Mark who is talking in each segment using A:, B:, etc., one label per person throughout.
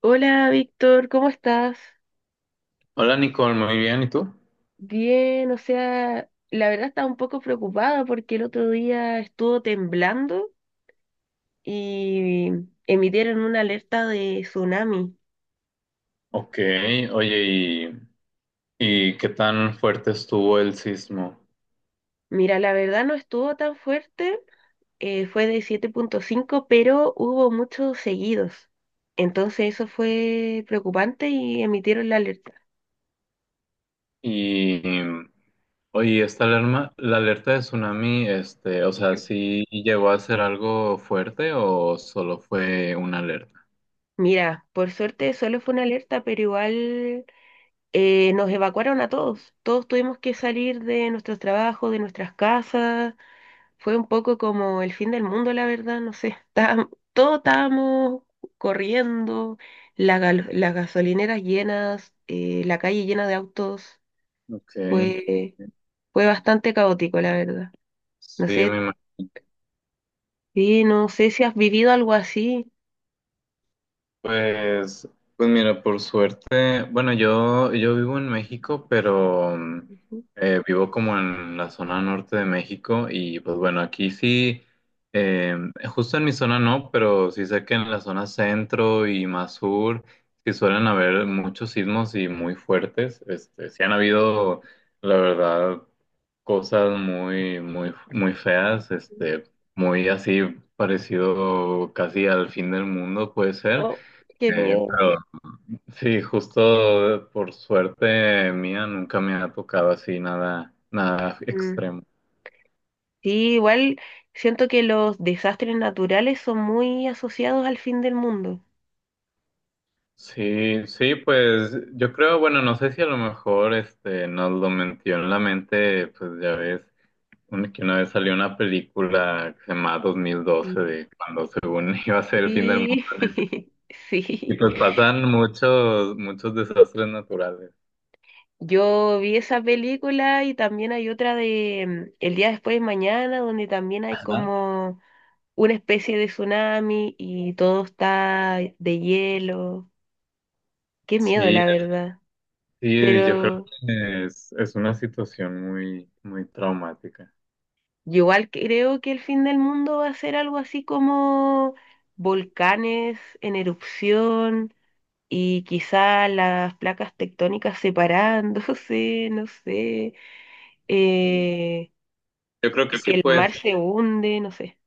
A: Hola Víctor, ¿cómo estás?
B: Hola Nicole, muy bien, ¿y tú?
A: Bien, o sea, la verdad estaba un poco preocupada porque el otro día estuvo temblando y emitieron una alerta de tsunami.
B: Ok, oye, ¿y qué tan fuerte estuvo el sismo?
A: Mira, la verdad no estuvo tan fuerte, fue de 7,5, pero hubo muchos seguidos. Entonces eso fue preocupante y emitieron la alerta.
B: Y, oye, esta alarma, la alerta de tsunami, este, o sea, ¿sí llegó a ser algo fuerte o solo fue una alerta?
A: Mira, por suerte solo fue una alerta, pero igual nos evacuaron a todos. Todos tuvimos que salir de nuestros trabajos, de nuestras casas. Fue un poco como el fin del mundo, la verdad, no sé. Todos estábamos corriendo, las gasolineras llenas, la calle llena de autos.
B: Ok,
A: Fue, Fue bastante caótico, la verdad. No
B: sí, me...
A: sé, sí, no sé si has vivido algo así.
B: Pues, pues mira, por suerte, bueno, yo vivo en México, pero mm,
A: Ujú.
B: vivo como en la zona norte de México y pues bueno, aquí sí, eh, justo en mi zona no, pero sí sé que en la zona centro y más sur sí suelen haber muchos sismos y muy fuertes, este, sí han habido, la verdad, cosas muy, muy, muy feas, este, muy así parecido casi al fin del mundo puede ser.
A: Oh, qué miedo.
B: Pero sí, justo por suerte mía nunca me ha tocado así nada, nada
A: Mm.
B: extremo.
A: Sí, igual siento que los desastres naturales son muy asociados al fin del mundo.
B: Sí, sí, pues yo creo, bueno, no sé si a lo mejor este nos lo metió en la mente, pues ya ves, que una vez salió una película que se llama 2012
A: Mm.
B: de cuando según iba a ser el fin del mundo,
A: Sí,
B: ¿no? Y
A: sí.
B: pues pasan muchos, muchos desastres naturales.
A: Yo vi esa película y también hay otra de El día después de mañana, donde también hay
B: Ajá.
A: como una especie de tsunami y todo está de hielo. Qué miedo,
B: Sí,
A: la verdad.
B: sí, yo creo
A: Pero
B: que es una situación muy, muy traumática.
A: yo igual creo que el fin del mundo va a ser algo así como volcanes en erupción y quizá las placas tectónicas separándose, no sé,
B: Mm.
A: eh,
B: Yo creo que
A: que
B: sí,
A: el
B: pues,
A: mar se hunde, no sé.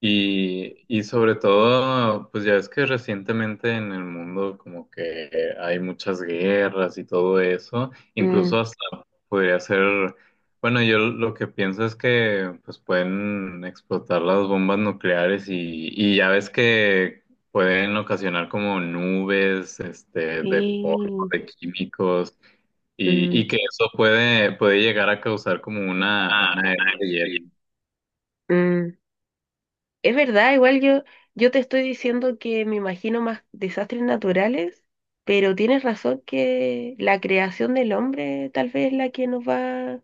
B: y sobre todo, pues ya ves que recientemente en el mundo como que hay muchas guerras y todo eso,
A: Mm,
B: incluso hasta podría ser, bueno, yo lo que pienso es que pues pueden explotar las bombas nucleares y ya ves que pueden ocasionar como nubes, este, de polvo,
A: sí,
B: de químicos, y
A: mm,
B: que eso puede llegar a causar como una era de hielo.
A: mm. Es verdad, yo te estoy diciendo que me imagino más desastres naturales, pero tienes razón que la creación del hombre tal vez es la que nos va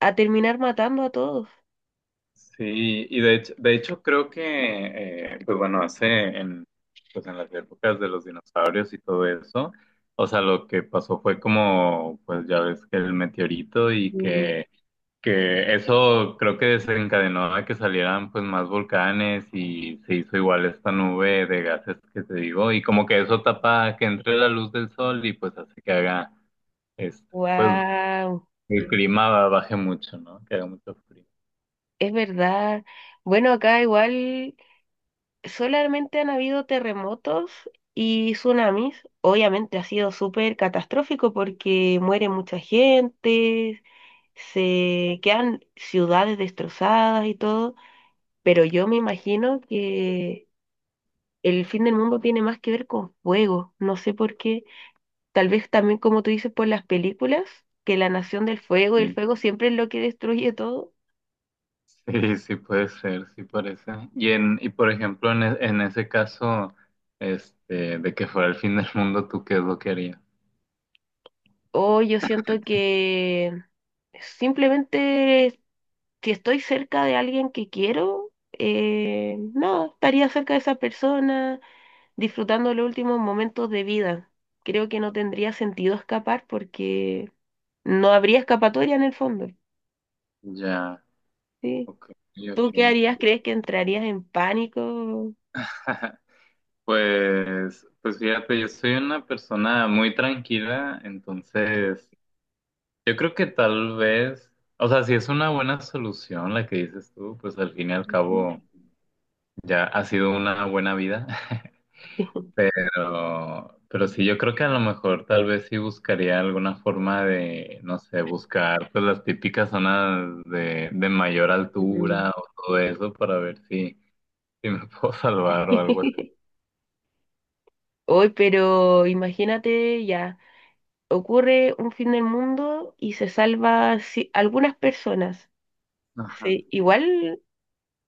A: a terminar matando a todos.
B: Sí, y de hecho creo que, pues bueno, hace en, pues en las épocas de los dinosaurios y todo eso, o sea, lo que pasó fue como, pues ya ves que el meteorito y
A: Mm,
B: que eso creo que desencadenó a que salieran pues más volcanes y se hizo igual esta nube de gases que te digo, y como que eso tapa que entre la luz del sol y pues hace que haga, este, pues
A: wow,
B: el clima baje mucho, ¿no? Que haga mucho frío.
A: es verdad. Bueno, acá igual solamente han habido terremotos y tsunamis. Obviamente ha sido súper catastrófico porque muere mucha gente, se quedan ciudades destrozadas y todo, pero yo me imagino que el fin del mundo tiene más que ver con fuego. No sé por qué. Tal vez también, como tú dices, por las películas, que la nación del fuego y el
B: Sí.
A: fuego siempre es lo que destruye todo.
B: Sí, sí puede ser, sí parece. Y en, y por ejemplo, en, en ese caso, este, de que fuera el fin del mundo, ¿tú qué es lo que harías?
A: O yo siento que simplemente si estoy cerca de alguien que quiero, no, estaría cerca de esa persona disfrutando los últimos momentos de vida. Creo que no tendría sentido escapar porque no habría escapatoria en el fondo,
B: Ya,
A: ¿sí?
B: ok, ok.
A: ¿Tú qué harías? ¿Crees que entrarías en pánico?
B: Pues, pues fíjate, yo soy una persona muy tranquila, entonces yo creo que tal vez, o sea, si es una buena solución la que dices tú, pues al fin y al cabo ya ha sido una buena vida. Pero sí, yo creo que a lo mejor tal vez sí buscaría alguna forma de, no sé, buscar pues las típicas zonas de mayor
A: Mm.
B: altura o todo eso para ver si, si me puedo salvar o algo así.
A: Hoy, pero imagínate ya, ocurre un fin del mundo y se salva algunas personas.
B: Ajá.
A: Sí, igual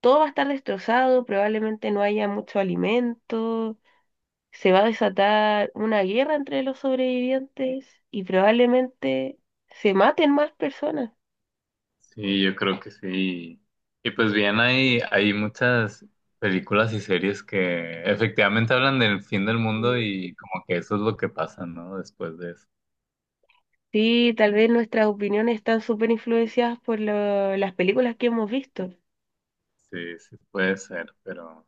A: todo va a estar destrozado, probablemente no haya mucho alimento, se va a desatar una guerra entre los sobrevivientes y probablemente se maten más personas.
B: Sí, yo creo que sí. Y pues bien, hay muchas películas y series que efectivamente hablan del fin del mundo y como que eso es lo que pasa, ¿no? Después de eso.
A: Sí, tal vez nuestras opiniones están súper influenciadas por las películas que hemos visto,
B: Sí, sí puede ser, pero...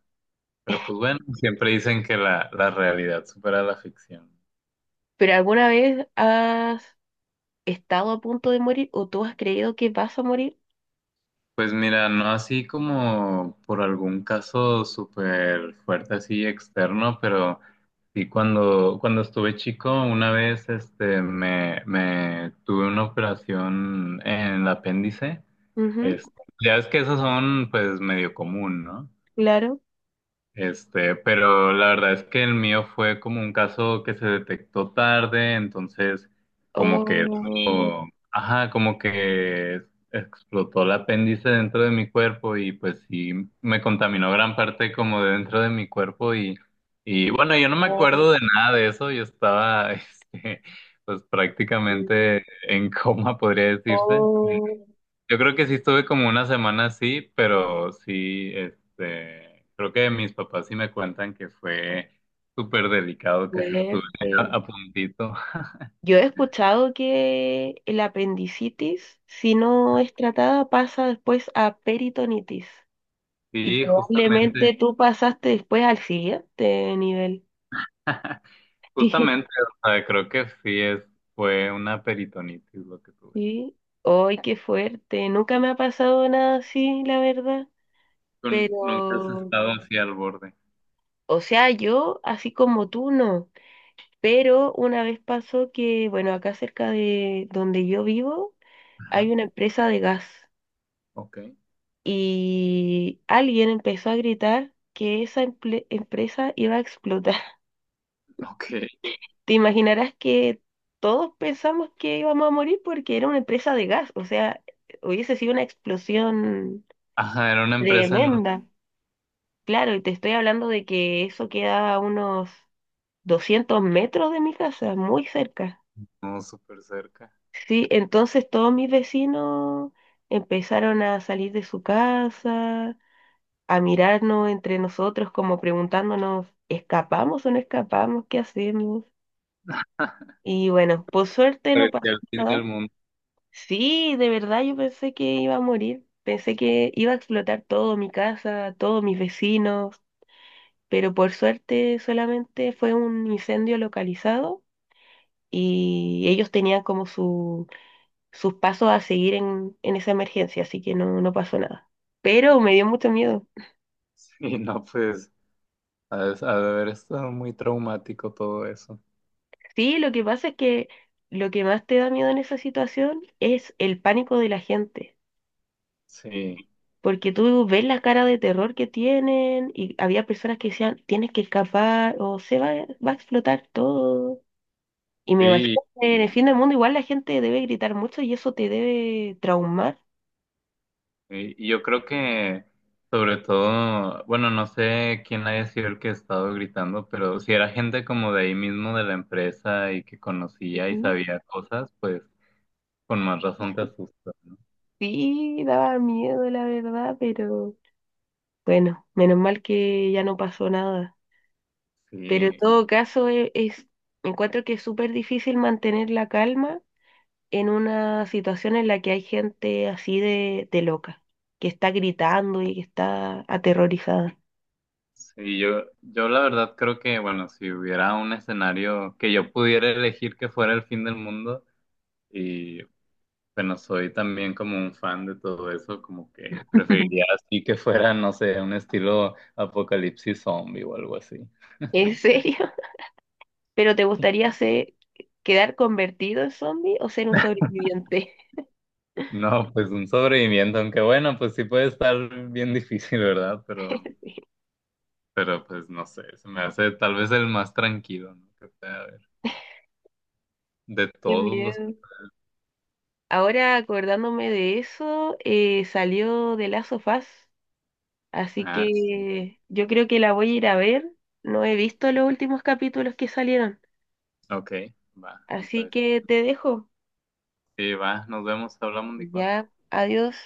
B: Pero pues bueno, siempre dicen que la realidad supera la ficción.
A: pero ¿alguna vez has estado a punto de morir o tú has creído que vas a morir?
B: Pues mira, no así como por algún caso súper fuerte así externo, pero sí cuando, cuando estuve chico, una vez este me tuve una operación en el apéndice.
A: Ujú,
B: Este, ya es que esos son pues medio común, ¿no?
A: claro.
B: Este, pero la verdad es que el mío fue como un caso que se detectó tarde, entonces como que
A: Oh,
B: eso- ajá, como que explotó el apéndice dentro de mi cuerpo y pues sí me contaminó gran parte como de dentro de mi cuerpo y bueno, yo no me
A: oh,
B: acuerdo de nada de eso, yo estaba este, pues prácticamente en coma, podría decirse.
A: oh,
B: Yo creo que sí estuve como una semana así, pero sí, este, creo que mis papás sí me cuentan que fue súper delicado, que sí estuve
A: fuerte.
B: a puntito.
A: Yo he escuchado que el apendicitis, si no es tratada, pasa después a peritonitis. Y
B: Sí, justamente,
A: probablemente tú pasaste después al siguiente nivel.
B: justamente, o sea, creo que sí fue una peritonitis lo que
A: Sí,
B: tuve.
A: sí. ¡Ay, qué fuerte! Nunca me ha pasado nada así, la verdad.
B: ¿Tú nunca has
A: Pero,
B: estado así al borde?
A: o sea, yo, así como tú, no. Pero una vez pasó que, bueno, acá cerca de donde yo vivo, hay
B: Ajá,
A: una empresa de gas.
B: ok,
A: Y alguien empezó a gritar que esa empresa iba a explotar.
B: ok.
A: Te imaginarás que todos pensamos que íbamos a morir porque era una empresa de gas, o sea, hubiese sido una explosión
B: Ajá, era una empresa no,
A: tremenda. Claro, y te estoy hablando de que eso queda a unos 200 metros de mi casa, muy cerca.
B: no súper cerca.
A: Sí, entonces todos mis vecinos empezaron a salir de su casa a mirarnos entre nosotros como preguntándonos, ¿escapamos o no escapamos? ¿Qué hacemos? Y bueno, por suerte no pasó
B: Parecía el fin
A: nada.
B: del mundo.
A: Sí, de verdad yo pensé que iba a morir, pensé que iba a explotar todo mi casa, todos mis vecinos, pero por suerte solamente fue un incendio localizado y ellos tenían como sus pasos a seguir en esa emergencia, así que no, no pasó nada. Pero me dio mucho miedo.
B: Sí, no, pues. Ha de haber estado muy traumático todo eso.
A: Sí, lo que pasa es que lo que más te da miedo en esa situación es el pánico de la gente,
B: Sí,
A: porque tú ves la cara de terror que tienen y había personas que decían, tienes que escapar o va a explotar todo. Y me imagino
B: sí.
A: que en el
B: Y,
A: fin del mundo igual la gente debe gritar mucho y eso te debe traumar.
B: y yo creo que, sobre todo, bueno, no sé quién haya sido el que ha estado gritando, pero si era gente como de ahí mismo de la empresa y que conocía y
A: Ujú.
B: sabía cosas, pues con más razón te asusta.
A: Sí, daba miedo, la verdad, pero bueno, menos mal que ya no pasó nada.
B: Sí,
A: Pero en
B: y-
A: todo caso, encuentro que es súper difícil mantener la calma en una situación en la que hay gente así de loca, que está gritando y que está aterrorizada.
B: sí, yo la verdad creo que, bueno, si hubiera un escenario que yo pudiera elegir que fuera el fin del mundo, y bueno, soy también como un fan de todo eso, como que preferiría así que fuera, no sé, un estilo apocalipsis zombie o algo así.
A: ¿En serio? ¿Pero te gustaría quedar convertido en zombie o ser un sobreviviente?
B: No, pues un sobreviviente, aunque bueno, pues sí puede estar bien difícil, ¿verdad? Pero pues no sé, se me hace tal vez el más tranquilo, ¿no? Que pueda haber. De
A: Qué
B: todos los...
A: miedo. Ahora acordándome de eso, salió de Last of Us, así
B: Ah, sí.
A: que yo creo que la voy a ir a ver. No he visto los últimos capítulos que salieron,
B: Ok, va, me
A: así
B: parece.
A: que te dejo.
B: Sí, va, nos vemos, hablamos, Nicole.
A: Ya, adiós.